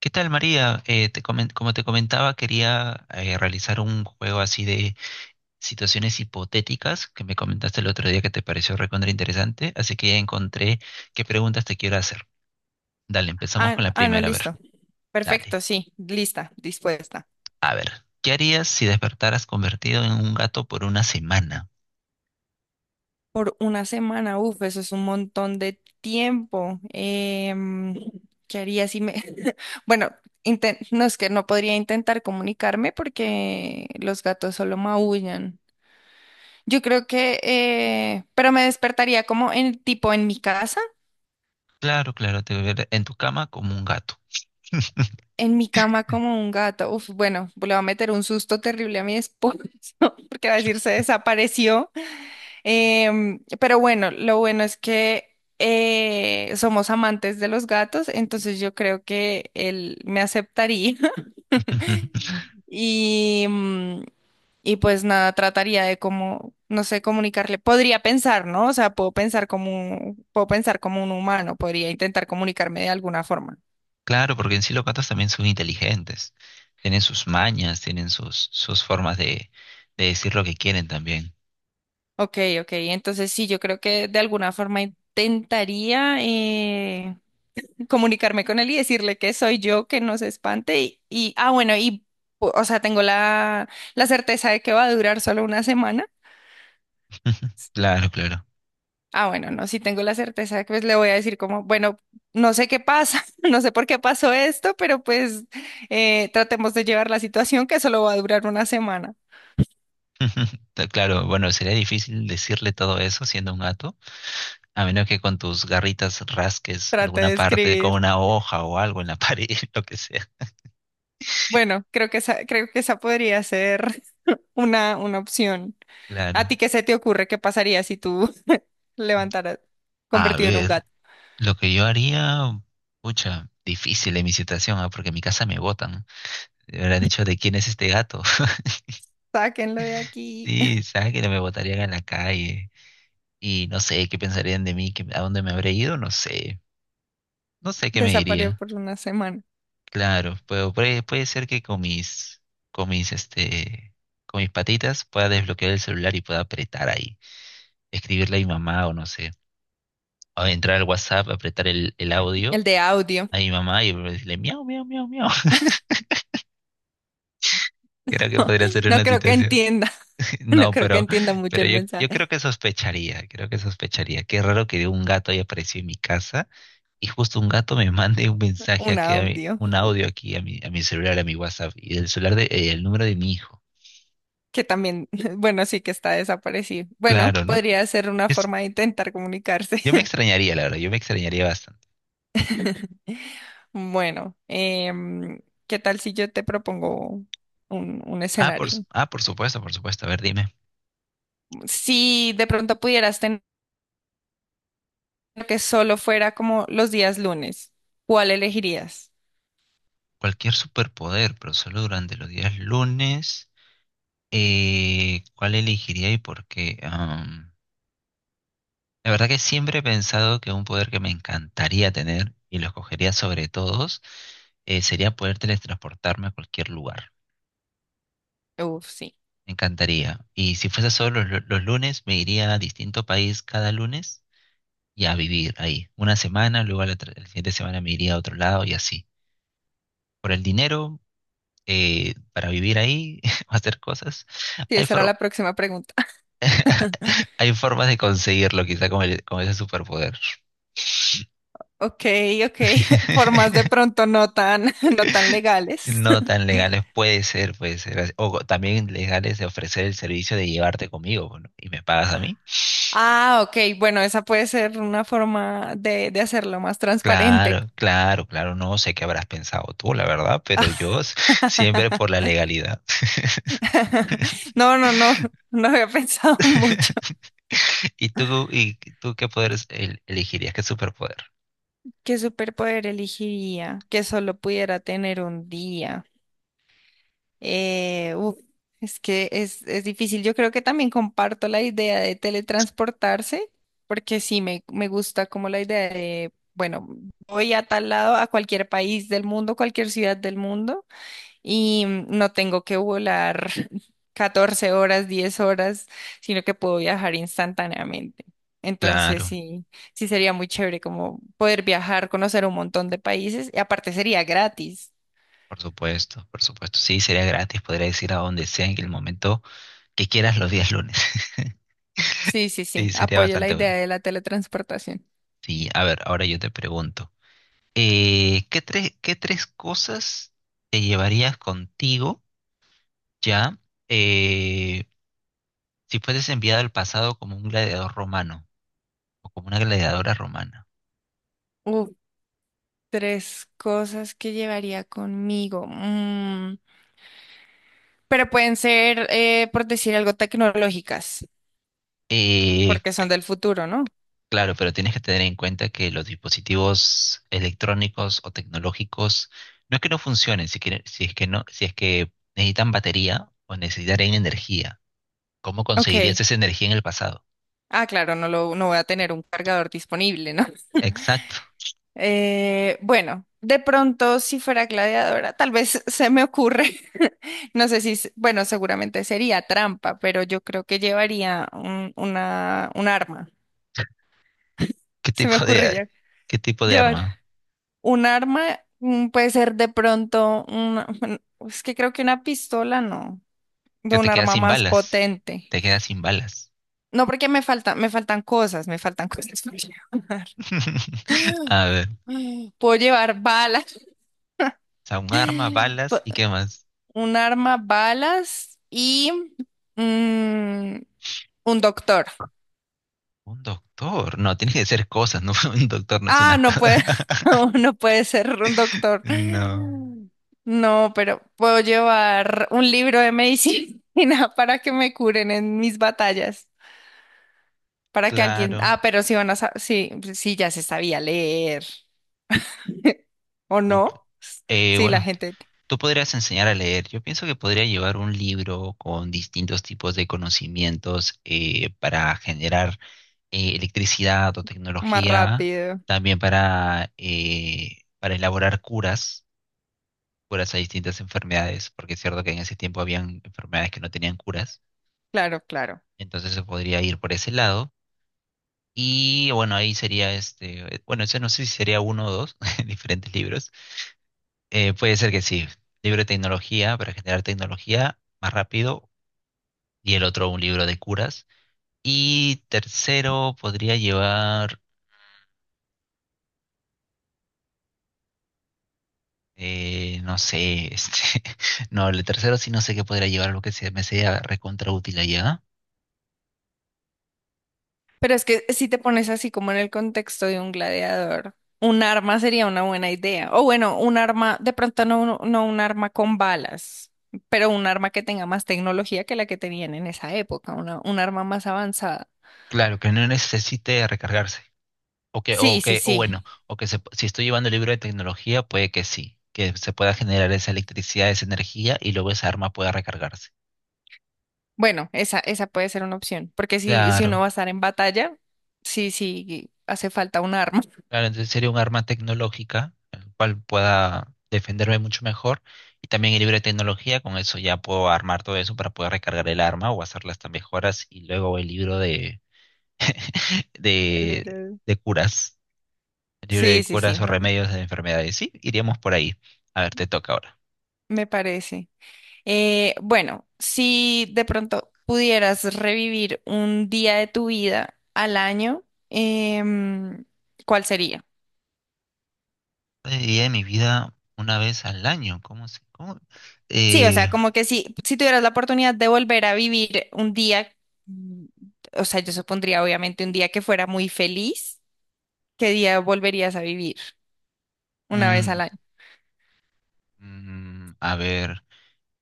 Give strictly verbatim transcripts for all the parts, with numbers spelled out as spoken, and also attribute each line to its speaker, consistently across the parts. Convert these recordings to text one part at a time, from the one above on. Speaker 1: ¿Qué tal, María? Eh, te comen- como te comentaba, quería eh, realizar un juego así de situaciones hipotéticas que me comentaste el otro día que te pareció recontra interesante, así que ya encontré qué preguntas te quiero hacer. Dale, empezamos con
Speaker 2: Ah,
Speaker 1: la
Speaker 2: ah, no,
Speaker 1: primera, a ver,
Speaker 2: listo.
Speaker 1: dale.
Speaker 2: Perfecto, sí, lista, dispuesta.
Speaker 1: A ver, ¿qué harías si despertaras convertido en un gato por una semana?
Speaker 2: Por una semana, uf, eso es un montón de tiempo. Em, ¿qué haría si me... Bueno, inten- no es que no podría intentar comunicarme porque los gatos solo maullan. Yo creo que, eh, pero me despertaría como en tipo en mi casa,
Speaker 1: Claro, claro, te ver en tu cama como un gato.
Speaker 2: en mi cama como un gato. Uf, bueno, le va a meter un susto terrible a mi esposo porque va a decir se desapareció. Em, pero bueno, lo bueno es que eh, somos amantes de los gatos, entonces yo creo que él me aceptaría y, mm, y pues nada, trataría de como, no sé, comunicarle. Podría pensar, ¿no? O sea, puedo pensar como un- puedo pensar como un humano, podría intentar comunicarme de alguna forma.
Speaker 1: Claro, porque en sí los gatos también son inteligentes, tienen sus mañas, tienen sus, sus formas de, de decir lo que quieren también.
Speaker 2: Ok, ok, entonces sí, yo creo que de alguna forma intentaría eh, comunicarme con él y decirle que soy yo, que no se espante y, y- ah, bueno, y, o sea, tengo la, la certeza de que va a durar solo una semana.
Speaker 1: Ujú, claro, claro.
Speaker 2: Ah, bueno, no, si tengo la certeza de que pues, le voy a decir como, bueno, no sé qué pasa, no sé por qué pasó esto, pero pues eh, tratemos de llevar la situación que solo va a durar una semana.
Speaker 1: Ta- Claro, bueno, sería difícil decirle todo eso siendo un gato, a menos que con tus garritas rasques
Speaker 2: Trate
Speaker 1: alguna
Speaker 2: de
Speaker 1: parte con
Speaker 2: escribir.
Speaker 1: una hoja o algo en la pared, lo que sea.
Speaker 2: Bueno, creo que esa, creo que esa podría ser una, una opción. ¿A ti
Speaker 1: Claro.
Speaker 2: qué se te ocurre? ¿Qué pasaría si tú levantaras
Speaker 1: A
Speaker 2: convertido en un
Speaker 1: ver,
Speaker 2: gato?
Speaker 1: lo que yo haría, pucha, difícil en mi situación, ah, porque en mi casa me botan. Me habrán dicho, ¿de quién es este gato?
Speaker 2: Sáquenlo de aquí.
Speaker 1: Sí, sabes que no me botarían en la calle. Y no sé, ¿qué pensarían de mí? ¿Qué- ¿A dónde me habré ido? No sé. No sé qué me
Speaker 2: Desapareció
Speaker 1: diría.
Speaker 2: por una semana.
Speaker 1: Claro, pero puede, puede ser que con mis, con mis, este, con mis patitas pueda desbloquear el celular y pueda apretar ahí, escribirle a mi mamá o no sé, o entrar al WhatsApp, apretar el, el audio
Speaker 2: El de audio.
Speaker 1: a mi mamá y decirle miau, miau, miau, miau. Creo que podría ser
Speaker 2: No
Speaker 1: una
Speaker 2: creo que
Speaker 1: situación.
Speaker 2: entienda. No
Speaker 1: No,
Speaker 2: creo que
Speaker 1: pero,
Speaker 2: entienda mucho
Speaker 1: pero
Speaker 2: el
Speaker 1: yo, yo creo
Speaker 2: mensaje.
Speaker 1: que sospecharía, creo que sospecharía. Qué raro que un gato haya aparecido en mi casa y justo un gato me mande un mensaje
Speaker 2: Un
Speaker 1: aquí, a mi-
Speaker 2: audio.
Speaker 1: un audio aquí a mi, a mi celular, a mi WhatsApp y el celular de, eh, el número de mi hijo.
Speaker 2: Que también, bueno, sí que está desaparecido. Bueno,
Speaker 1: Claro, ¿no?
Speaker 2: podría ser una
Speaker 1: Es-
Speaker 2: forma de intentar comunicarse.
Speaker 1: yo me extrañaría, la verdad, yo me extrañaría bastante.
Speaker 2: Bueno, em, ¿qué tal si yo te propongo un, un
Speaker 1: Ah, por, su-
Speaker 2: escenario?
Speaker 1: ah, por supuesto, por supuesto. A ver, dime.
Speaker 2: Si de pronto pudieras tener que solo fuera como los días lunes, ¿cuál elegirías?
Speaker 1: Cualquier superpoder, pero solo durante los días lunes. Eh, ¿cuál elegiría y por qué? Am, la verdad que siempre he pensado que un poder que me encantaría tener y lo escogería sobre todos eh, sería poder teletransportarme a cualquier lugar.
Speaker 2: Uf, sí.
Speaker 1: Me encantaría. Y si fuese solo los, los lunes, me iría a distinto país cada lunes y a vivir ahí. Una semana, luego la, tra- la siguiente semana me iría a otro lado y así. Por el dinero, eh, para vivir ahí, hacer cosas.
Speaker 2: Sí,
Speaker 1: Hay,
Speaker 2: esa era la
Speaker 1: for-
Speaker 2: próxima pregunta.
Speaker 1: hay formas de conseguirlo, quizá con, el- con ese superpoder.
Speaker 2: Ok, ok, formas de pronto no tan, no tan legales.
Speaker 1: No tan legales, puede ser, puede ser. O co- también legales de ofrecer el servicio de llevarte conmigo, ¿no? ¿Y me pagas a mí?
Speaker 2: Ah, ok, bueno, esa puede ser una forma de, de hacerlo más transparente.
Speaker 1: Claro, claro, claro, no sé qué habrás pensado tú, la verdad, pero yo s- siempre por la legalidad.
Speaker 2: No, no, no, no había pensado mucho.
Speaker 1: ¿Y tú, y tú qué poderes el- elegirías? ¿Qué superpoder?
Speaker 2: ¿Qué superpoder elegiría que solo pudiera tener un día? Eh, uf, es que es, es difícil. Yo creo que también comparto la idea de teletransportarse, porque sí me, me gusta como la idea de, bueno, voy a tal lado, a cualquier país del mundo, cualquier ciudad del mundo, y mm, no tengo que volar catorce horas, diez horas, sino que puedo viajar instantáneamente. Entonces
Speaker 1: Claro,
Speaker 2: sí, sí sería muy chévere como poder viajar, conocer un montón de países, y aparte sería gratis.
Speaker 1: por supuesto, por supuesto. Sí, sería gratis, podrías ir a donde sea en el momento que quieras los días lunes.
Speaker 2: Sí, sí,
Speaker 1: Sí,
Speaker 2: sí,
Speaker 1: sería
Speaker 2: apoyo la
Speaker 1: bastante
Speaker 2: idea
Speaker 1: bueno.
Speaker 2: de la teletransportación.
Speaker 1: Sí, a ver, ahora yo te pregunto, eh, ¿qué tres, qué tres cosas te llevarías contigo ya eh, si fueses enviado al pasado como un gladiador romano o como una gladiadora romana?
Speaker 2: Uf, tres cosas que llevaría conmigo. Mm, pero pueden ser, eh, por decir algo, tecnológicas,
Speaker 1: Eh,
Speaker 2: porque son del futuro, ¿no?
Speaker 1: Claro, pero tienes que tener en cuenta que los dispositivos electrónicos o tecnológicos no es que no funcionen, si quiere- si es que no, si es que necesitan batería o necesitarán energía. ¿Cómo
Speaker 2: Ok.
Speaker 1: conseguirías esa energía en el pasado?
Speaker 2: Ah, claro, no lo, no voy a tener un cargador disponible, ¿no?
Speaker 1: Exacto.
Speaker 2: Eh, bueno, de pronto, si fuera gladiadora, tal vez se me ocurre. No sé si, s- bueno, seguramente sería trampa, pero yo creo que llevaría un, una, un arma.
Speaker 1: ¿Qué
Speaker 2: Se me
Speaker 1: tipo
Speaker 2: ocurre
Speaker 1: de,
Speaker 2: ya
Speaker 1: qué tipo de
Speaker 2: llevar.
Speaker 1: arma?
Speaker 2: Un arma mm, puede ser de pronto una, bueno, es que creo que una pistola no, de
Speaker 1: Que
Speaker 2: un
Speaker 1: te quedas
Speaker 2: arma
Speaker 1: sin
Speaker 2: más
Speaker 1: balas.
Speaker 2: potente.
Speaker 1: Te quedas sin balas.
Speaker 2: No, porque me faltan, me faltan cosas, me faltan cosas por llevar.
Speaker 1: A ver, o
Speaker 2: Puedo llevar balas,
Speaker 1: sea, un arma, balas
Speaker 2: po-
Speaker 1: y qué más.
Speaker 2: un arma, balas y mm, un doctor.
Speaker 1: Un doctor. No, tiene que ser cosas, no, un doctor no es
Speaker 2: Ah,
Speaker 1: una
Speaker 2: no
Speaker 1: cosa.
Speaker 2: puede, no no puede ser un doctor.
Speaker 1: No,
Speaker 2: No, pero puedo llevar un libro de medicina para que me curen en mis batallas, para que alguien,
Speaker 1: claro.
Speaker 2: ah, pero sí van a, sa- sí, pues sí, ya se sabía leer, ¿o
Speaker 1: No, cl-
Speaker 2: no?
Speaker 1: eh,
Speaker 2: Sí, la
Speaker 1: bueno, t-
Speaker 2: gente
Speaker 1: tú podrías enseñar a leer. Yo pienso que podría llevar un libro con distintos tipos de conocimientos eh, para generar eh, electricidad o
Speaker 2: más
Speaker 1: tecnología,
Speaker 2: rápido.
Speaker 1: también para, eh, para elaborar curas, curas a distintas enfermedades, porque es cierto que en ese tiempo habían enfermedades que no tenían curas,
Speaker 2: Claro, claro.
Speaker 1: entonces se podría ir por ese lado. Y bueno, ahí sería este, eh, bueno, ese no sé si sería uno o dos diferentes libros. Eh, puede ser que sí. Libro de tecnología para generar tecnología más rápido. Y el otro, un libro de curas. Y tercero, podría llevar, eh, no sé, este, no, el tercero sí no sé qué podría llevar, algo que se me sea recontra útil allá.
Speaker 2: Pero es que si te pones así como en el contexto de un gladiador, un arma sería una buena idea. O bueno, un arma, de pronto no, no no un arma con balas, pero un arma que tenga más tecnología que la que tenían en esa época, una, un arma más avanzada.
Speaker 1: Claro, que no necesite recargarse. O que,
Speaker 2: Sí,
Speaker 1: o
Speaker 2: sí,
Speaker 1: que, o
Speaker 2: sí.
Speaker 1: bueno, o que se- si estoy llevando el libro de tecnología, puede que sí, que se pueda generar esa electricidad, esa energía y luego esa arma pueda recargarse.
Speaker 2: Bueno, esa, esa puede ser una opción, porque si, si uno
Speaker 1: Claro.
Speaker 2: va a estar en batalla, sí, sí, hace falta un arma.
Speaker 1: Claro, entonces sería un arma tecnológica, el cual pueda defenderme mucho mejor. Y también el libro de tecnología, con eso ya puedo armar todo eso para poder recargar el arma o hacer las mejoras. Y luego el libro de, de,
Speaker 2: Little-
Speaker 1: de curas, el libro
Speaker 2: Sí,
Speaker 1: de
Speaker 2: sí, sí,
Speaker 1: curas o
Speaker 2: me
Speaker 1: remedios de enfermedades. Sí, iríamos por ahí. A ver, te toca ahora.
Speaker 2: me parece. Eh, bueno, si de pronto pudieras revivir un día de tu vida al año, em, ¿cuál sería?
Speaker 1: Día de día de mi vida una vez al año. ¿Cómo se? ¿Cómo?
Speaker 2: Sí, o
Speaker 1: Eh,
Speaker 2: sea, como que si, si tuvieras la oportunidad de volver a vivir un día, mm, o sea, yo supondría obviamente un día que fuera muy feliz, ¿qué día volverías a vivir una vez al
Speaker 1: mm,
Speaker 2: año?
Speaker 1: mm, a ver,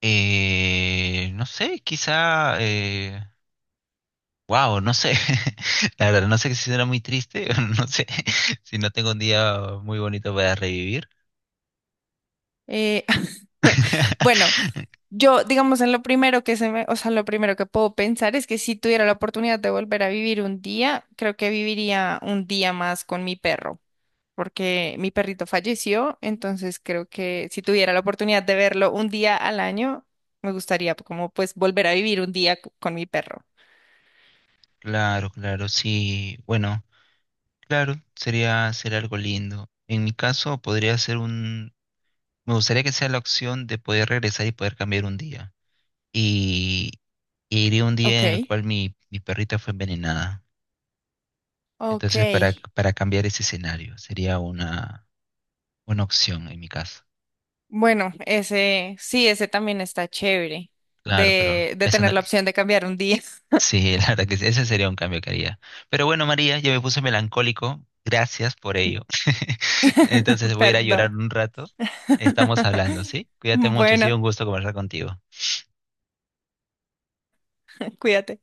Speaker 1: eh, no sé, quizá. eh, Wow, no sé. La verdad, no sé si será muy triste. No sé si no tengo un día muy bonito para revivir.
Speaker 2: Eh, bueno, yo, digamos, en lo primero que se me, o sea, lo primero que puedo pensar es que si tuviera la oportunidad de volver a vivir un día, creo que viviría un día más con mi perro, porque mi perrito falleció, entonces creo que si tuviera la oportunidad de verlo un día al año, me gustaría como pues volver a vivir un día c- con mi perro.
Speaker 1: Claro, claro, sí. Bueno, claro, sería, sería algo lindo. En mi caso, podría ser un. Me gustaría que sea la opción de poder regresar y poder cambiar un día. Y, y iría un
Speaker 2: Ok,
Speaker 1: día en el cual mi, mi perrita fue envenenada.
Speaker 2: ok.
Speaker 1: Entonces, para, para cambiar ese escenario, sería una, una opción en mi caso.
Speaker 2: Bueno, ese, sí, ese también está chévere
Speaker 1: Claro, pero
Speaker 2: de, de
Speaker 1: esa no-
Speaker 2: tener la opción de cambiar un día.
Speaker 1: Sí, la verdad que sí, ese sería un cambio que haría. Pero bueno, María, yo me puse melancólico. Gracias por ello. Entonces voy a ir a llorar
Speaker 2: Perdón.
Speaker 1: un rato. Estamos hablando, ¿sí? Cuídate mucho, ha
Speaker 2: Bueno,
Speaker 1: sido un gusto conversar contigo.
Speaker 2: cuídate.